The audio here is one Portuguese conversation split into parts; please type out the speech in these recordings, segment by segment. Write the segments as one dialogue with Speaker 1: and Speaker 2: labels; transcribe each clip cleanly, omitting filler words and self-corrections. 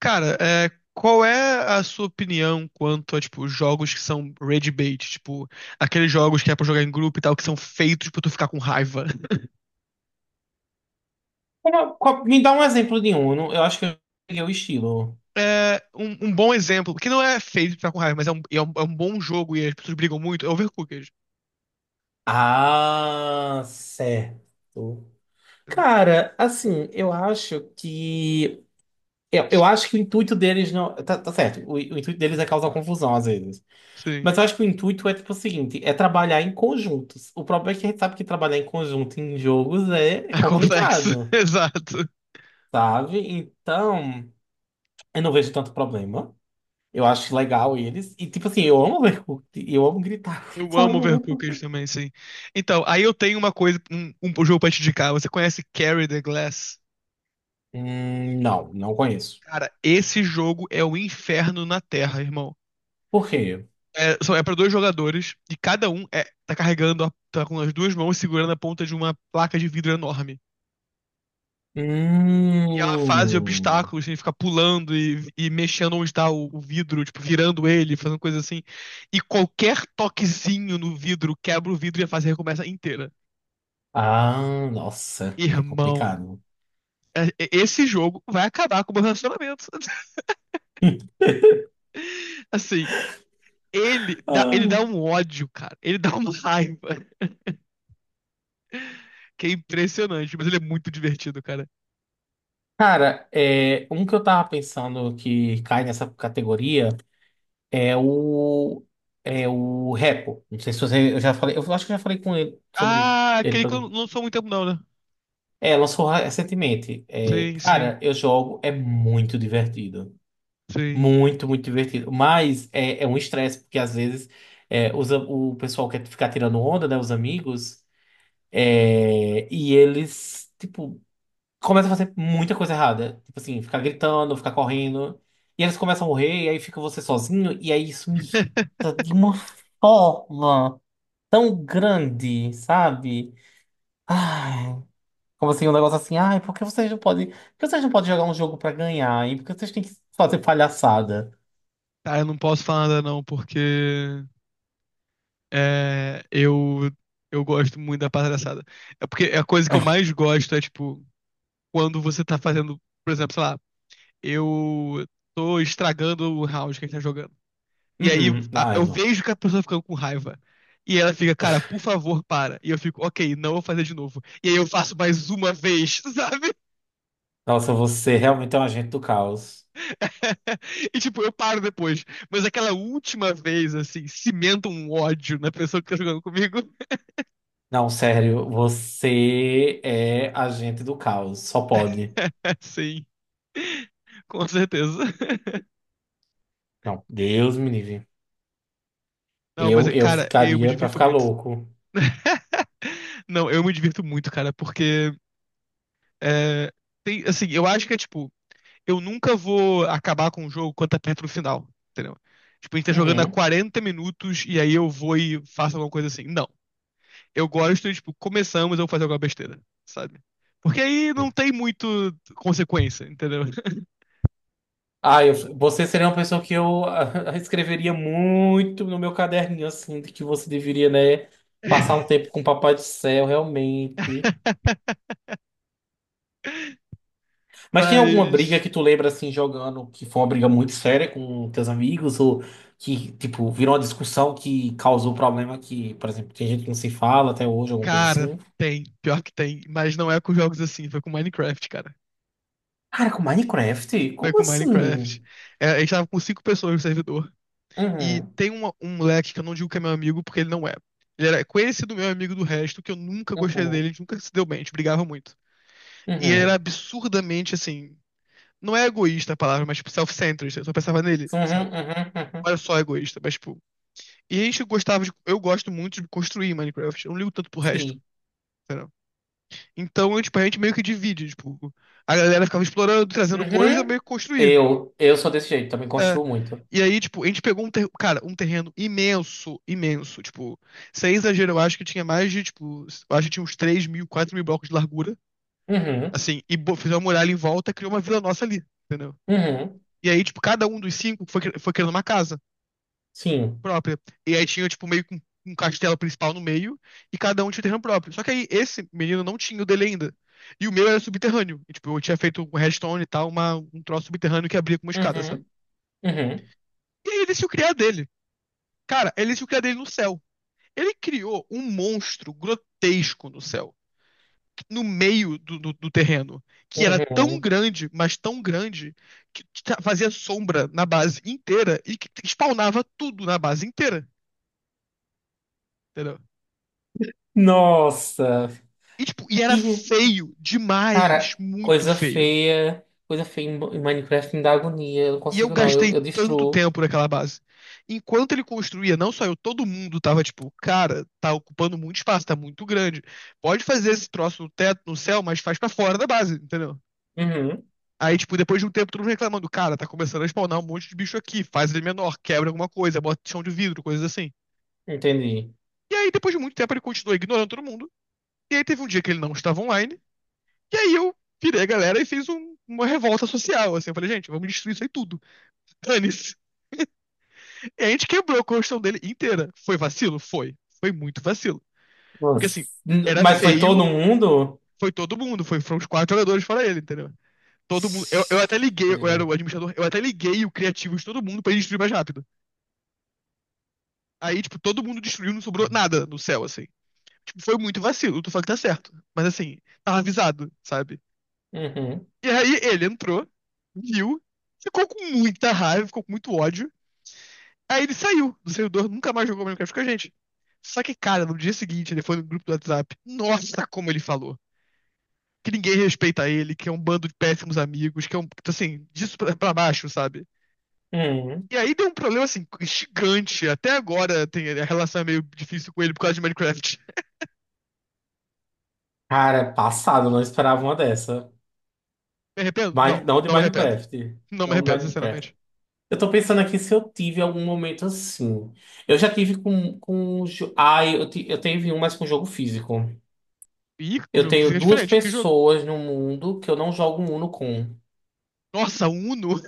Speaker 1: Cara, qual é a sua opinião quanto a, tipo, jogos que são rage bait? Tipo, aqueles jogos que é pra jogar em grupo e tal, que são feitos pra tu ficar com raiva.
Speaker 2: Me dá um exemplo de um. Eu não- eu acho que eu peguei o estilo.
Speaker 1: É, um bom exemplo, que não é feito pra ficar com raiva, mas é um bom jogo e as pessoas brigam muito, é Overcooked.
Speaker 2: Ah, certo.
Speaker 1: Entendeu?
Speaker 2: Cara, assim, eu acho que. Eu acho que o intuito deles não. Tá certo, o intuito deles é causar confusão às vezes.
Speaker 1: Sim.
Speaker 2: Mas eu acho que o intuito é tipo o seguinte: é trabalhar em conjuntos. O problema é que a gente sabe que trabalhar em conjunto em jogos é
Speaker 1: É complexo,
Speaker 2: complicado,
Speaker 1: exato.
Speaker 2: sabe? Então, eu não vejo tanto problema. Eu acho legal eles. E, tipo assim, eu amo ver, eu amo gritar,
Speaker 1: Eu
Speaker 2: sabe?
Speaker 1: amo Overcooked também, sim. Então, aí eu tenho uma coisa, um jogo pra te indicar. Você conhece Carry the Glass?
Speaker 2: Não, não conheço.
Speaker 1: Cara, esse jogo é o inferno na Terra, irmão.
Speaker 2: Por quê?
Speaker 1: É para dois jogadores e cada um tá carregando, tá com as duas mãos segurando a ponta de uma placa de vidro enorme. E é uma fase de
Speaker 2: Hum.
Speaker 1: obstáculos, tem que ficar pulando e mexendo onde está o vidro, tipo, virando ele, fazendo coisa assim. E qualquer toquezinho no vidro quebra o vidro e a fase recomeça inteira.
Speaker 2: Ah, nossa, é
Speaker 1: Irmão,
Speaker 2: complicado.
Speaker 1: esse jogo vai acabar com o meu relacionamento. Assim, ele dá
Speaker 2: Ai.
Speaker 1: um ódio, cara. Ele dá uma raiva. Que é impressionante, mas ele é muito divertido, cara.
Speaker 2: Cara, um que eu tava pensando que cai nessa categoria é o é o Repo. Não sei se você, eu já falei, eu acho que eu já falei com ele sobre
Speaker 1: Ah,
Speaker 2: ele.
Speaker 1: aquele
Speaker 2: Pra
Speaker 1: que
Speaker 2: mim.
Speaker 1: eu não sou muito tempo, não, né?
Speaker 2: É, lançou recentemente. É,
Speaker 1: Sim, sim,
Speaker 2: cara, eu jogo, é muito divertido.
Speaker 1: sim.
Speaker 2: Muito, muito divertido. Mas é um estresse, porque às vezes o pessoal quer ficar tirando onda, né? Os amigos, e eles, tipo, começam a fazer muita coisa errada. Tipo assim, ficar gritando, ficar correndo. E eles começam a morrer, e aí fica você sozinho, e aí isso me irrita de uma forma tão grande, sabe? Ai, como assim, um negócio assim, ai, por que vocês não podem. Por que vocês não podem jogar um jogo pra ganhar? E por que vocês têm que fazer palhaçada?
Speaker 1: Ah, eu não posso falar nada, não, porque é, eu, eu gosto muito da palhaçada. É porque a coisa que eu mais gosto é, tipo, quando você tá fazendo, por exemplo, sei lá, eu tô estragando o round que a gente tá jogando. E aí
Speaker 2: Uhum. Ai,
Speaker 1: eu
Speaker 2: não.
Speaker 1: vejo que a pessoa tá ficando com raiva. E ela fica, cara, por favor, para. E eu fico, ok, não vou fazer de novo. E aí eu faço mais uma vez, sabe?
Speaker 2: Nossa, você realmente é um agente do caos.
Speaker 1: E tipo, eu paro depois. Mas aquela última vez, assim, cimenta um ódio na pessoa que tá jogando comigo.
Speaker 2: Não, sério, você é agente do caos, só pode.
Speaker 1: Sim, com certeza.
Speaker 2: Não, Deus me livre.
Speaker 1: Não, mas,
Speaker 2: Eu
Speaker 1: cara, eu me
Speaker 2: ficaria pra
Speaker 1: divirto
Speaker 2: ficar
Speaker 1: muito.
Speaker 2: louco.
Speaker 1: Não, eu me divirto muito, cara, porque é, tem, assim, eu acho que é tipo, eu nunca vou acabar com o jogo quando tá perto do final, entendeu? Tipo, a gente tá jogando há
Speaker 2: Uhum.
Speaker 1: 40 minutos e aí eu vou e faço alguma coisa assim. Não. Eu gosto, tipo, começamos, eu vou fazer alguma besteira, sabe? Porque aí não tem muito consequência, entendeu?
Speaker 2: Ah, você seria uma pessoa que eu escreveria muito no meu caderninho, assim, de que você deveria, né, passar um tempo com o Papai do Céu, realmente. Mas tem alguma briga
Speaker 1: Mas,
Speaker 2: que tu lembra assim jogando que foi uma briga muito séria com teus amigos ou que tipo virou uma discussão que causou problema que, por exemplo, tem gente que não se fala até hoje, alguma coisa
Speaker 1: cara,
Speaker 2: assim?
Speaker 1: tem. Pior que tem. Mas não é com jogos assim, foi com Minecraft, cara.
Speaker 2: Cara, com Minecraft?
Speaker 1: Foi
Speaker 2: Como
Speaker 1: com
Speaker 2: assim?
Speaker 1: Minecraft. É, a gente tava com cinco pessoas no servidor. E
Speaker 2: Uhum,
Speaker 1: tem um moleque que eu não digo que é meu amigo, porque ele não é. Ele era conhecido meu amigo do resto, que eu nunca gostei
Speaker 2: uhum,
Speaker 1: dele, a gente nunca se deu bem, a gente brigava muito.
Speaker 2: uhum,
Speaker 1: E ele era
Speaker 2: uhum,
Speaker 1: absurdamente assim. Não é egoísta a palavra, mas tipo, self-centered. Eu só pensava nele, sabe?
Speaker 2: uhum, uhum.
Speaker 1: Olha só, egoísta, mas tipo. E a gente gostava de. Eu gosto muito de construir Minecraft. Eu não ligo tanto pro resto.
Speaker 2: Sim.
Speaker 1: Entendeu? Então, eu, tipo, a gente meio que divide, tipo, a galera ficava explorando, trazendo coisa, eu
Speaker 2: Uhum.
Speaker 1: meio que construía.
Speaker 2: Eu sou desse jeito, também
Speaker 1: É.
Speaker 2: construo muito.
Speaker 1: E aí, tipo, a gente pegou cara, um terreno imenso, imenso. Tipo, sem exagero, eu acho que tinha mais de, tipo, eu acho que tinha uns 3.000, 4.000 blocos de largura.
Speaker 2: Uhum,
Speaker 1: Assim, e fez uma muralha em volta, criou uma vila nossa ali, entendeu?
Speaker 2: uhum,
Speaker 1: E aí, tipo, cada um dos cinco foi, foi criando uma casa
Speaker 2: sim.
Speaker 1: própria. E aí tinha, tipo, meio que um castelo principal no meio, e cada um tinha o terreno próprio. Só que aí esse menino não tinha o dele ainda. E o meu era subterrâneo. E, tipo, eu tinha feito com redstone e tal, um troço subterrâneo que abria com uma escada, sabe?
Speaker 2: Uhum, uhum,
Speaker 1: E aí ele se criar dele. Cara, ele se criar dele no céu. Ele criou um monstro grotesco no céu, no meio do terreno, que era tão
Speaker 2: uhum.
Speaker 1: grande, mas tão grande, que fazia sombra na base inteira e que spawnava tudo na base inteira. Entendeu?
Speaker 2: Nossa.
Speaker 1: E, tipo, e era
Speaker 2: E
Speaker 1: feio demais,
Speaker 2: cara,
Speaker 1: muito
Speaker 2: coisa
Speaker 1: feio.
Speaker 2: feia. Coisa feia em Minecraft me dá agonia. Eu não
Speaker 1: E eu
Speaker 2: consigo, não. Eu,
Speaker 1: gastei
Speaker 2: eu
Speaker 1: tanto
Speaker 2: destruo.
Speaker 1: tempo naquela base. Enquanto ele construía, não só eu, todo mundo tava tipo, cara, tá ocupando muito espaço, tá muito grande. Pode fazer esse troço no teto, no céu, mas faz pra fora da base, entendeu?
Speaker 2: Uhum,
Speaker 1: Aí, tipo, depois de um tempo, todo mundo reclamando, cara, tá começando a spawnar um monte de bicho aqui, faz ele menor, quebra alguma coisa, bota chão de vidro, coisas assim.
Speaker 2: entendi.
Speaker 1: E aí, depois de muito tempo, ele continuou ignorando todo mundo. E aí teve um dia que ele não estava online. E aí eu virei a galera e fiz uma revolta social, assim. Eu falei, gente, vamos destruir isso aí tudo. Dane-se. E a gente quebrou a construção dele inteira. Foi vacilo? Foi. Foi muito vacilo. Porque
Speaker 2: Nossa.
Speaker 1: assim, era
Speaker 2: Mas foi todo
Speaker 1: feio,
Speaker 2: mundo?
Speaker 1: foi todo mundo, foram os quatro jogadores fora ele, entendeu? Todo mundo. Eu até liguei, eu era o
Speaker 2: Uhum.
Speaker 1: administrador, eu até liguei o criativo de todo mundo pra ele destruir mais rápido. Aí, tipo, todo mundo destruiu, não sobrou nada no céu, assim. Tipo, foi muito vacilo, tu fala que tá certo. Mas assim, tava avisado, sabe?
Speaker 2: Uhum.
Speaker 1: E aí ele entrou, viu, ficou com muita raiva, ficou com muito ódio. Aí ele saiu do servidor, nunca mais jogou Minecraft com a gente. Só que, cara, no dia seguinte ele foi no grupo do WhatsApp. Nossa, como ele falou. Que ninguém respeita ele, que é um bando de péssimos amigos, que é um, assim, disso pra, pra baixo, sabe?
Speaker 2: Uhum.
Speaker 1: E aí deu um problema, assim, gigante. Até agora tem, a relação é meio difícil com ele por causa de Minecraft.
Speaker 2: Cara, passado, não esperava uma dessa.
Speaker 1: Me arrependo? Não,
Speaker 2: Não de
Speaker 1: não me arrependo.
Speaker 2: Minecraft.
Speaker 1: Não me
Speaker 2: Não de
Speaker 1: arrependo,
Speaker 2: Minecraft.
Speaker 1: sinceramente.
Speaker 2: Eu tô pensando aqui se eu tive algum momento assim. Eu já tive com, Ah, eu tive um, mas com jogo físico.
Speaker 1: Ih, o
Speaker 2: Eu
Speaker 1: jogo
Speaker 2: tenho
Speaker 1: físico é
Speaker 2: duas
Speaker 1: diferente. Que jogo?
Speaker 2: pessoas no mundo que eu não jogo Uno com.
Speaker 1: Nossa, Uno.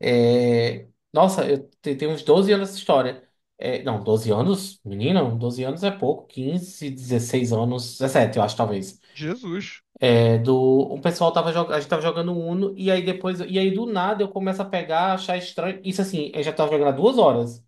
Speaker 2: É, nossa, eu tenho uns 12 anos essa história. É, não, 12 anos? Menino, 12 anos é pouco. 15, 16 anos, 17, eu acho, talvez.
Speaker 1: Jesus.
Speaker 2: É, o pessoal tava jogando, a gente tava jogando Uno, e aí depois, e aí do nada eu começo a pegar, achar estranho. Isso assim, eu já tava jogando há 2 horas.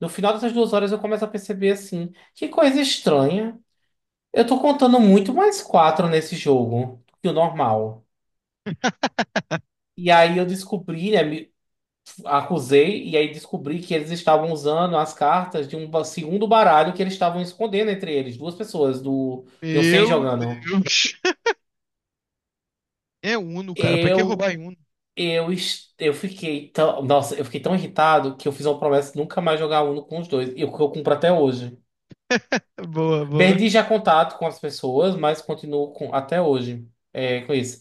Speaker 2: No final dessas 2 horas eu começo a perceber assim, que coisa estranha. Eu tô contando muito mais quatro nesse jogo do que o normal. E aí eu descobri, né? Acusei e aí descobri que eles estavam usando as cartas de um segundo baralho que eles estavam escondendo entre eles, duas pessoas do iam seis
Speaker 1: Meu
Speaker 2: jogando.
Speaker 1: Deus. É Uno, cara. Pra que
Speaker 2: Eu
Speaker 1: roubar em Uno?
Speaker 2: eu fiquei tão, nossa, eu fiquei tão irritado que eu fiz uma promessa de nunca mais jogar Uno com os dois, e o que eu cumpro até hoje.
Speaker 1: Boa, boa.
Speaker 2: Perdi já contato com as pessoas, mas continuo com até hoje é, com isso.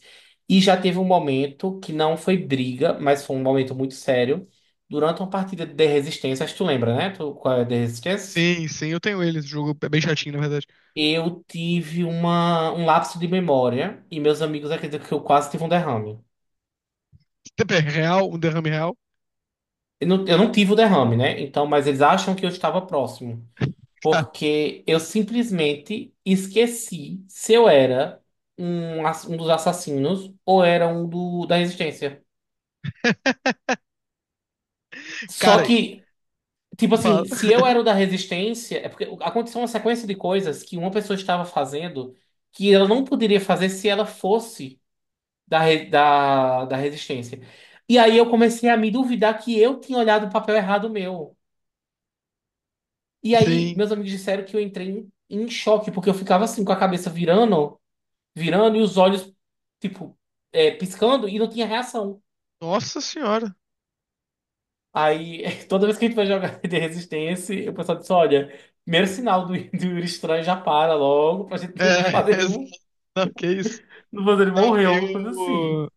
Speaker 2: E já teve um momento que não foi briga, mas foi um momento muito sério. Durante uma partida de Resistência, acho que tu lembra, né? Tu, qual é a de Resistência?
Speaker 1: Sim, sim, eu tenho ele. Esse jogo é bem chatinho, na verdade.
Speaker 2: Eu tive um lapso de memória e meus amigos acreditam que eu quase tive um derrame.
Speaker 1: Tempo é real, um derrame real.
Speaker 2: Eu não tive o derrame, né? Então, mas eles acham que eu estava próximo. Porque eu simplesmente esqueci se eu era um dos assassinos ou era da Resistência. Só
Speaker 1: Cara,
Speaker 2: que, tipo
Speaker 1: fala.
Speaker 2: assim, se eu era o da Resistência, é porque aconteceu uma sequência de coisas que uma pessoa estava fazendo que ela não poderia fazer se ela fosse. Da Resistência. E aí eu comecei a me duvidar que eu tinha olhado o papel errado meu. E aí
Speaker 1: Sim.
Speaker 2: meus amigos disseram que eu entrei em choque, porque eu ficava assim com a cabeça virando, virando e os olhos, tipo, piscando e não tinha reação.
Speaker 1: Nossa senhora.
Speaker 2: Aí toda vez que a gente vai jogar de Resistência, o pessoal disse: olha. Primeiro sinal do Yuri Estranho já para logo pra
Speaker 1: É,
Speaker 2: gente não fazer ele,
Speaker 1: não, que isso.
Speaker 2: não fazer ele
Speaker 1: Não,
Speaker 2: morrer, alguma coisa assim.
Speaker 1: eu.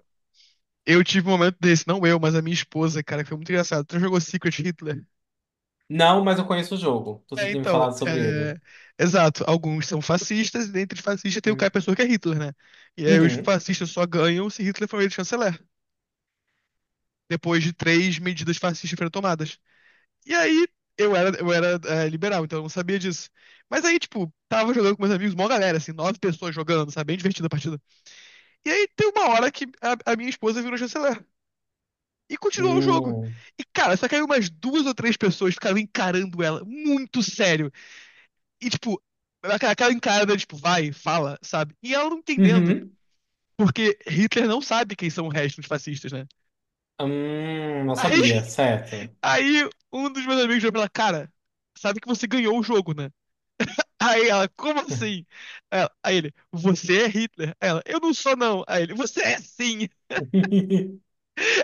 Speaker 1: Eu tive um momento desse, não eu, mas a minha esposa, cara, que foi muito engraçado. Tu jogou Secret Hitler?
Speaker 2: Não, mas eu conheço o jogo. Você
Speaker 1: É,
Speaker 2: tinha me
Speaker 1: então,
Speaker 2: falado sobre ele.
Speaker 1: é, exato. Alguns são fascistas, e dentre os fascistas tem o cara,
Speaker 2: Hum.
Speaker 1: pessoa que é Hitler, né? E aí os
Speaker 2: Uhum.
Speaker 1: fascistas só ganham se Hitler for eleito chanceler, depois de três medidas fascistas foram tomadas. E aí, eu era liberal, então eu não sabia disso. Mas aí, tipo, tava jogando com meus amigos, mó galera, assim, nove pessoas jogando, sabe? Bem divertida a partida. E aí, tem uma hora que a minha esposa virou chanceler. E continuou o jogo.
Speaker 2: Hum.
Speaker 1: E, cara, só caiu umas duas ou três pessoas ficaram encarando ela, muito sério. E, tipo, aquela encarada, tipo, vai, fala, sabe? E ela não entendendo.
Speaker 2: Uhum.
Speaker 1: Porque Hitler não sabe quem são o resto dos fascistas, né?
Speaker 2: Não sabia,
Speaker 1: Aí
Speaker 2: certo.
Speaker 1: Aí um dos meus amigos virou pra ela, cara, sabe que você ganhou o jogo, né? Aí ela, como assim? Aí ele, você é Hitler. Aí ela, eu não sou não. Aí ele, você é sim.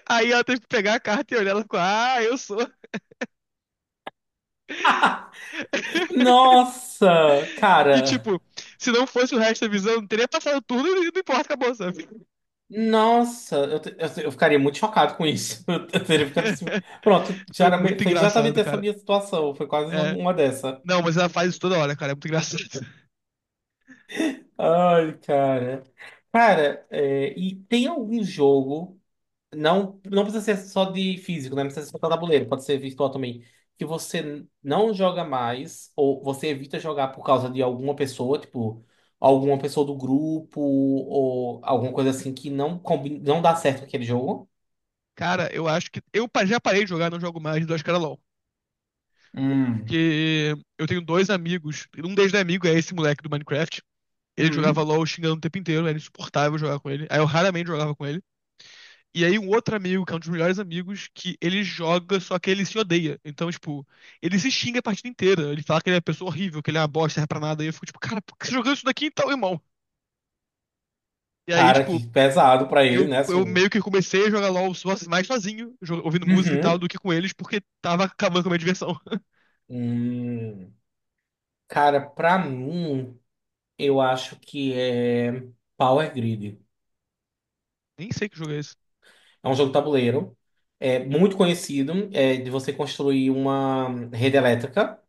Speaker 1: Aí ela teve que pegar a carta e olhar, ela ficou, ah, eu sou.
Speaker 2: Nossa,
Speaker 1: E
Speaker 2: cara.
Speaker 1: tipo, se não fosse o resto da visão, não teria passado tudo e não importa, acabou, sabe?
Speaker 2: Nossa, eu ficaria muito chocado com isso. Eu, teria ficado assim. Pronto, já
Speaker 1: Foi
Speaker 2: era
Speaker 1: muito
Speaker 2: foi exatamente
Speaker 1: engraçado,
Speaker 2: essa
Speaker 1: cara.
Speaker 2: minha situação. Foi quase
Speaker 1: É,
Speaker 2: uma dessa.
Speaker 1: não, mas ela faz isso toda hora, cara, é muito engraçado.
Speaker 2: Ai, cara. Cara, é, e tem algum jogo. Não, não precisa ser só de físico, né? Não precisa ser só tabuleiro, pode ser virtual também. Que você não joga mais, ou você evita jogar por causa de alguma pessoa, tipo, alguma pessoa do grupo, ou alguma coisa assim que não, combina, não dá certo com aquele jogo.
Speaker 1: Cara, eu acho que. Já parei de jogar, não jogo mais, do Ascara
Speaker 2: Hum.
Speaker 1: que eu tenho dois amigos. Um deles é amigo, é esse moleque do Minecraft. Ele jogava
Speaker 2: Hum.
Speaker 1: LOL xingando o tempo inteiro, era insuportável jogar com ele. Aí eu raramente jogava com ele. E aí um outro amigo, que é um dos melhores amigos, que ele joga, só que ele se odeia. Então, tipo, ele se xinga a partida inteira. Ele fala que ele é uma pessoa horrível, que ele é uma bosta, serve pra nada. E eu fico, tipo, cara, por que você tá jogando isso daqui então, irmão? E aí,
Speaker 2: Cara,
Speaker 1: tipo,
Speaker 2: que pesado pra ele,
Speaker 1: eu,
Speaker 2: né?
Speaker 1: eu
Speaker 2: Assim.
Speaker 1: meio que comecei a jogar LOL mais sozinho, ouvindo música e tal,
Speaker 2: Uhum.
Speaker 1: do que com eles, porque tava acabando com a minha diversão.
Speaker 2: Hum. Cara, pra mim, eu acho que é Power Grid.
Speaker 1: Nem sei que jogo é esse.
Speaker 2: É um jogo de tabuleiro. É muito conhecido, é de você construir uma rede elétrica.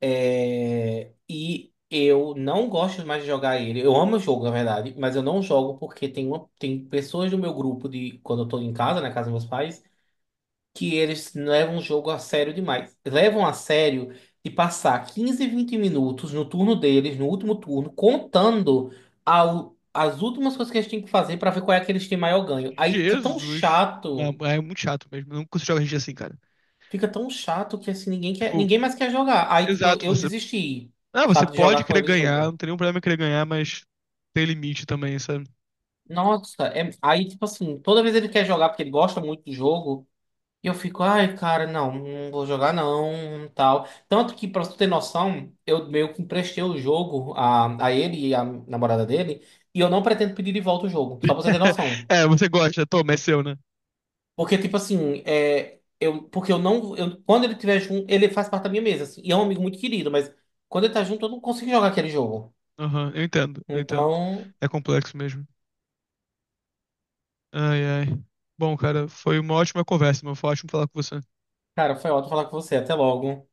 Speaker 2: É, e eu não gosto mais de jogar ele. Eu amo o jogo, na verdade, mas eu não jogo porque tem, uma, tem pessoas do meu grupo de quando eu tô em casa, na casa dos meus pais, que eles levam o jogo a sério demais. Levam a sério de passar 15, 20 minutos no turno deles, no último turno, contando as últimas coisas que eles têm que fazer pra ver qual é que eles têm maior ganho. Aí fica tão
Speaker 1: Jesus. Não,
Speaker 2: chato.
Speaker 1: é muito chato mesmo. Eu não consigo jogar RPG assim, cara.
Speaker 2: Fica tão chato que assim, ninguém quer,
Speaker 1: Tipo,
Speaker 2: ninguém mais quer jogar. Aí, tipo,
Speaker 1: exato,
Speaker 2: eu
Speaker 1: você.
Speaker 2: desisti,
Speaker 1: Ah, você
Speaker 2: sabe, de
Speaker 1: pode
Speaker 2: jogar com
Speaker 1: querer
Speaker 2: eles o
Speaker 1: ganhar,
Speaker 2: jogo.
Speaker 1: não tem nenhum problema em querer ganhar, mas tem limite também, sabe?
Speaker 2: Nossa, é- aí, tipo assim, toda vez ele quer jogar porque ele gosta muito do jogo, e eu fico, ai, cara, não, não vou jogar não, tal. Tanto que, pra tu ter noção, eu meio que emprestei o jogo a ele e a namorada dele, e eu não pretendo pedir de volta o jogo, só pra você ter noção.
Speaker 1: É, você gosta, toma, é seu, né?
Speaker 2: Porque, tipo assim, é, eu, porque eu não, eu, quando ele tiver junto, ele faz parte da minha mesa, assim, e é um amigo muito querido, mas quando ele tá junto, eu não consigo jogar aquele jogo.
Speaker 1: Aham, eu entendo, eu entendo.
Speaker 2: Então,
Speaker 1: É complexo mesmo. Ai, ai. Bom, cara, foi uma ótima conversa, meu. Foi ótimo falar com você.
Speaker 2: cara, foi ótimo falar com você. Até logo.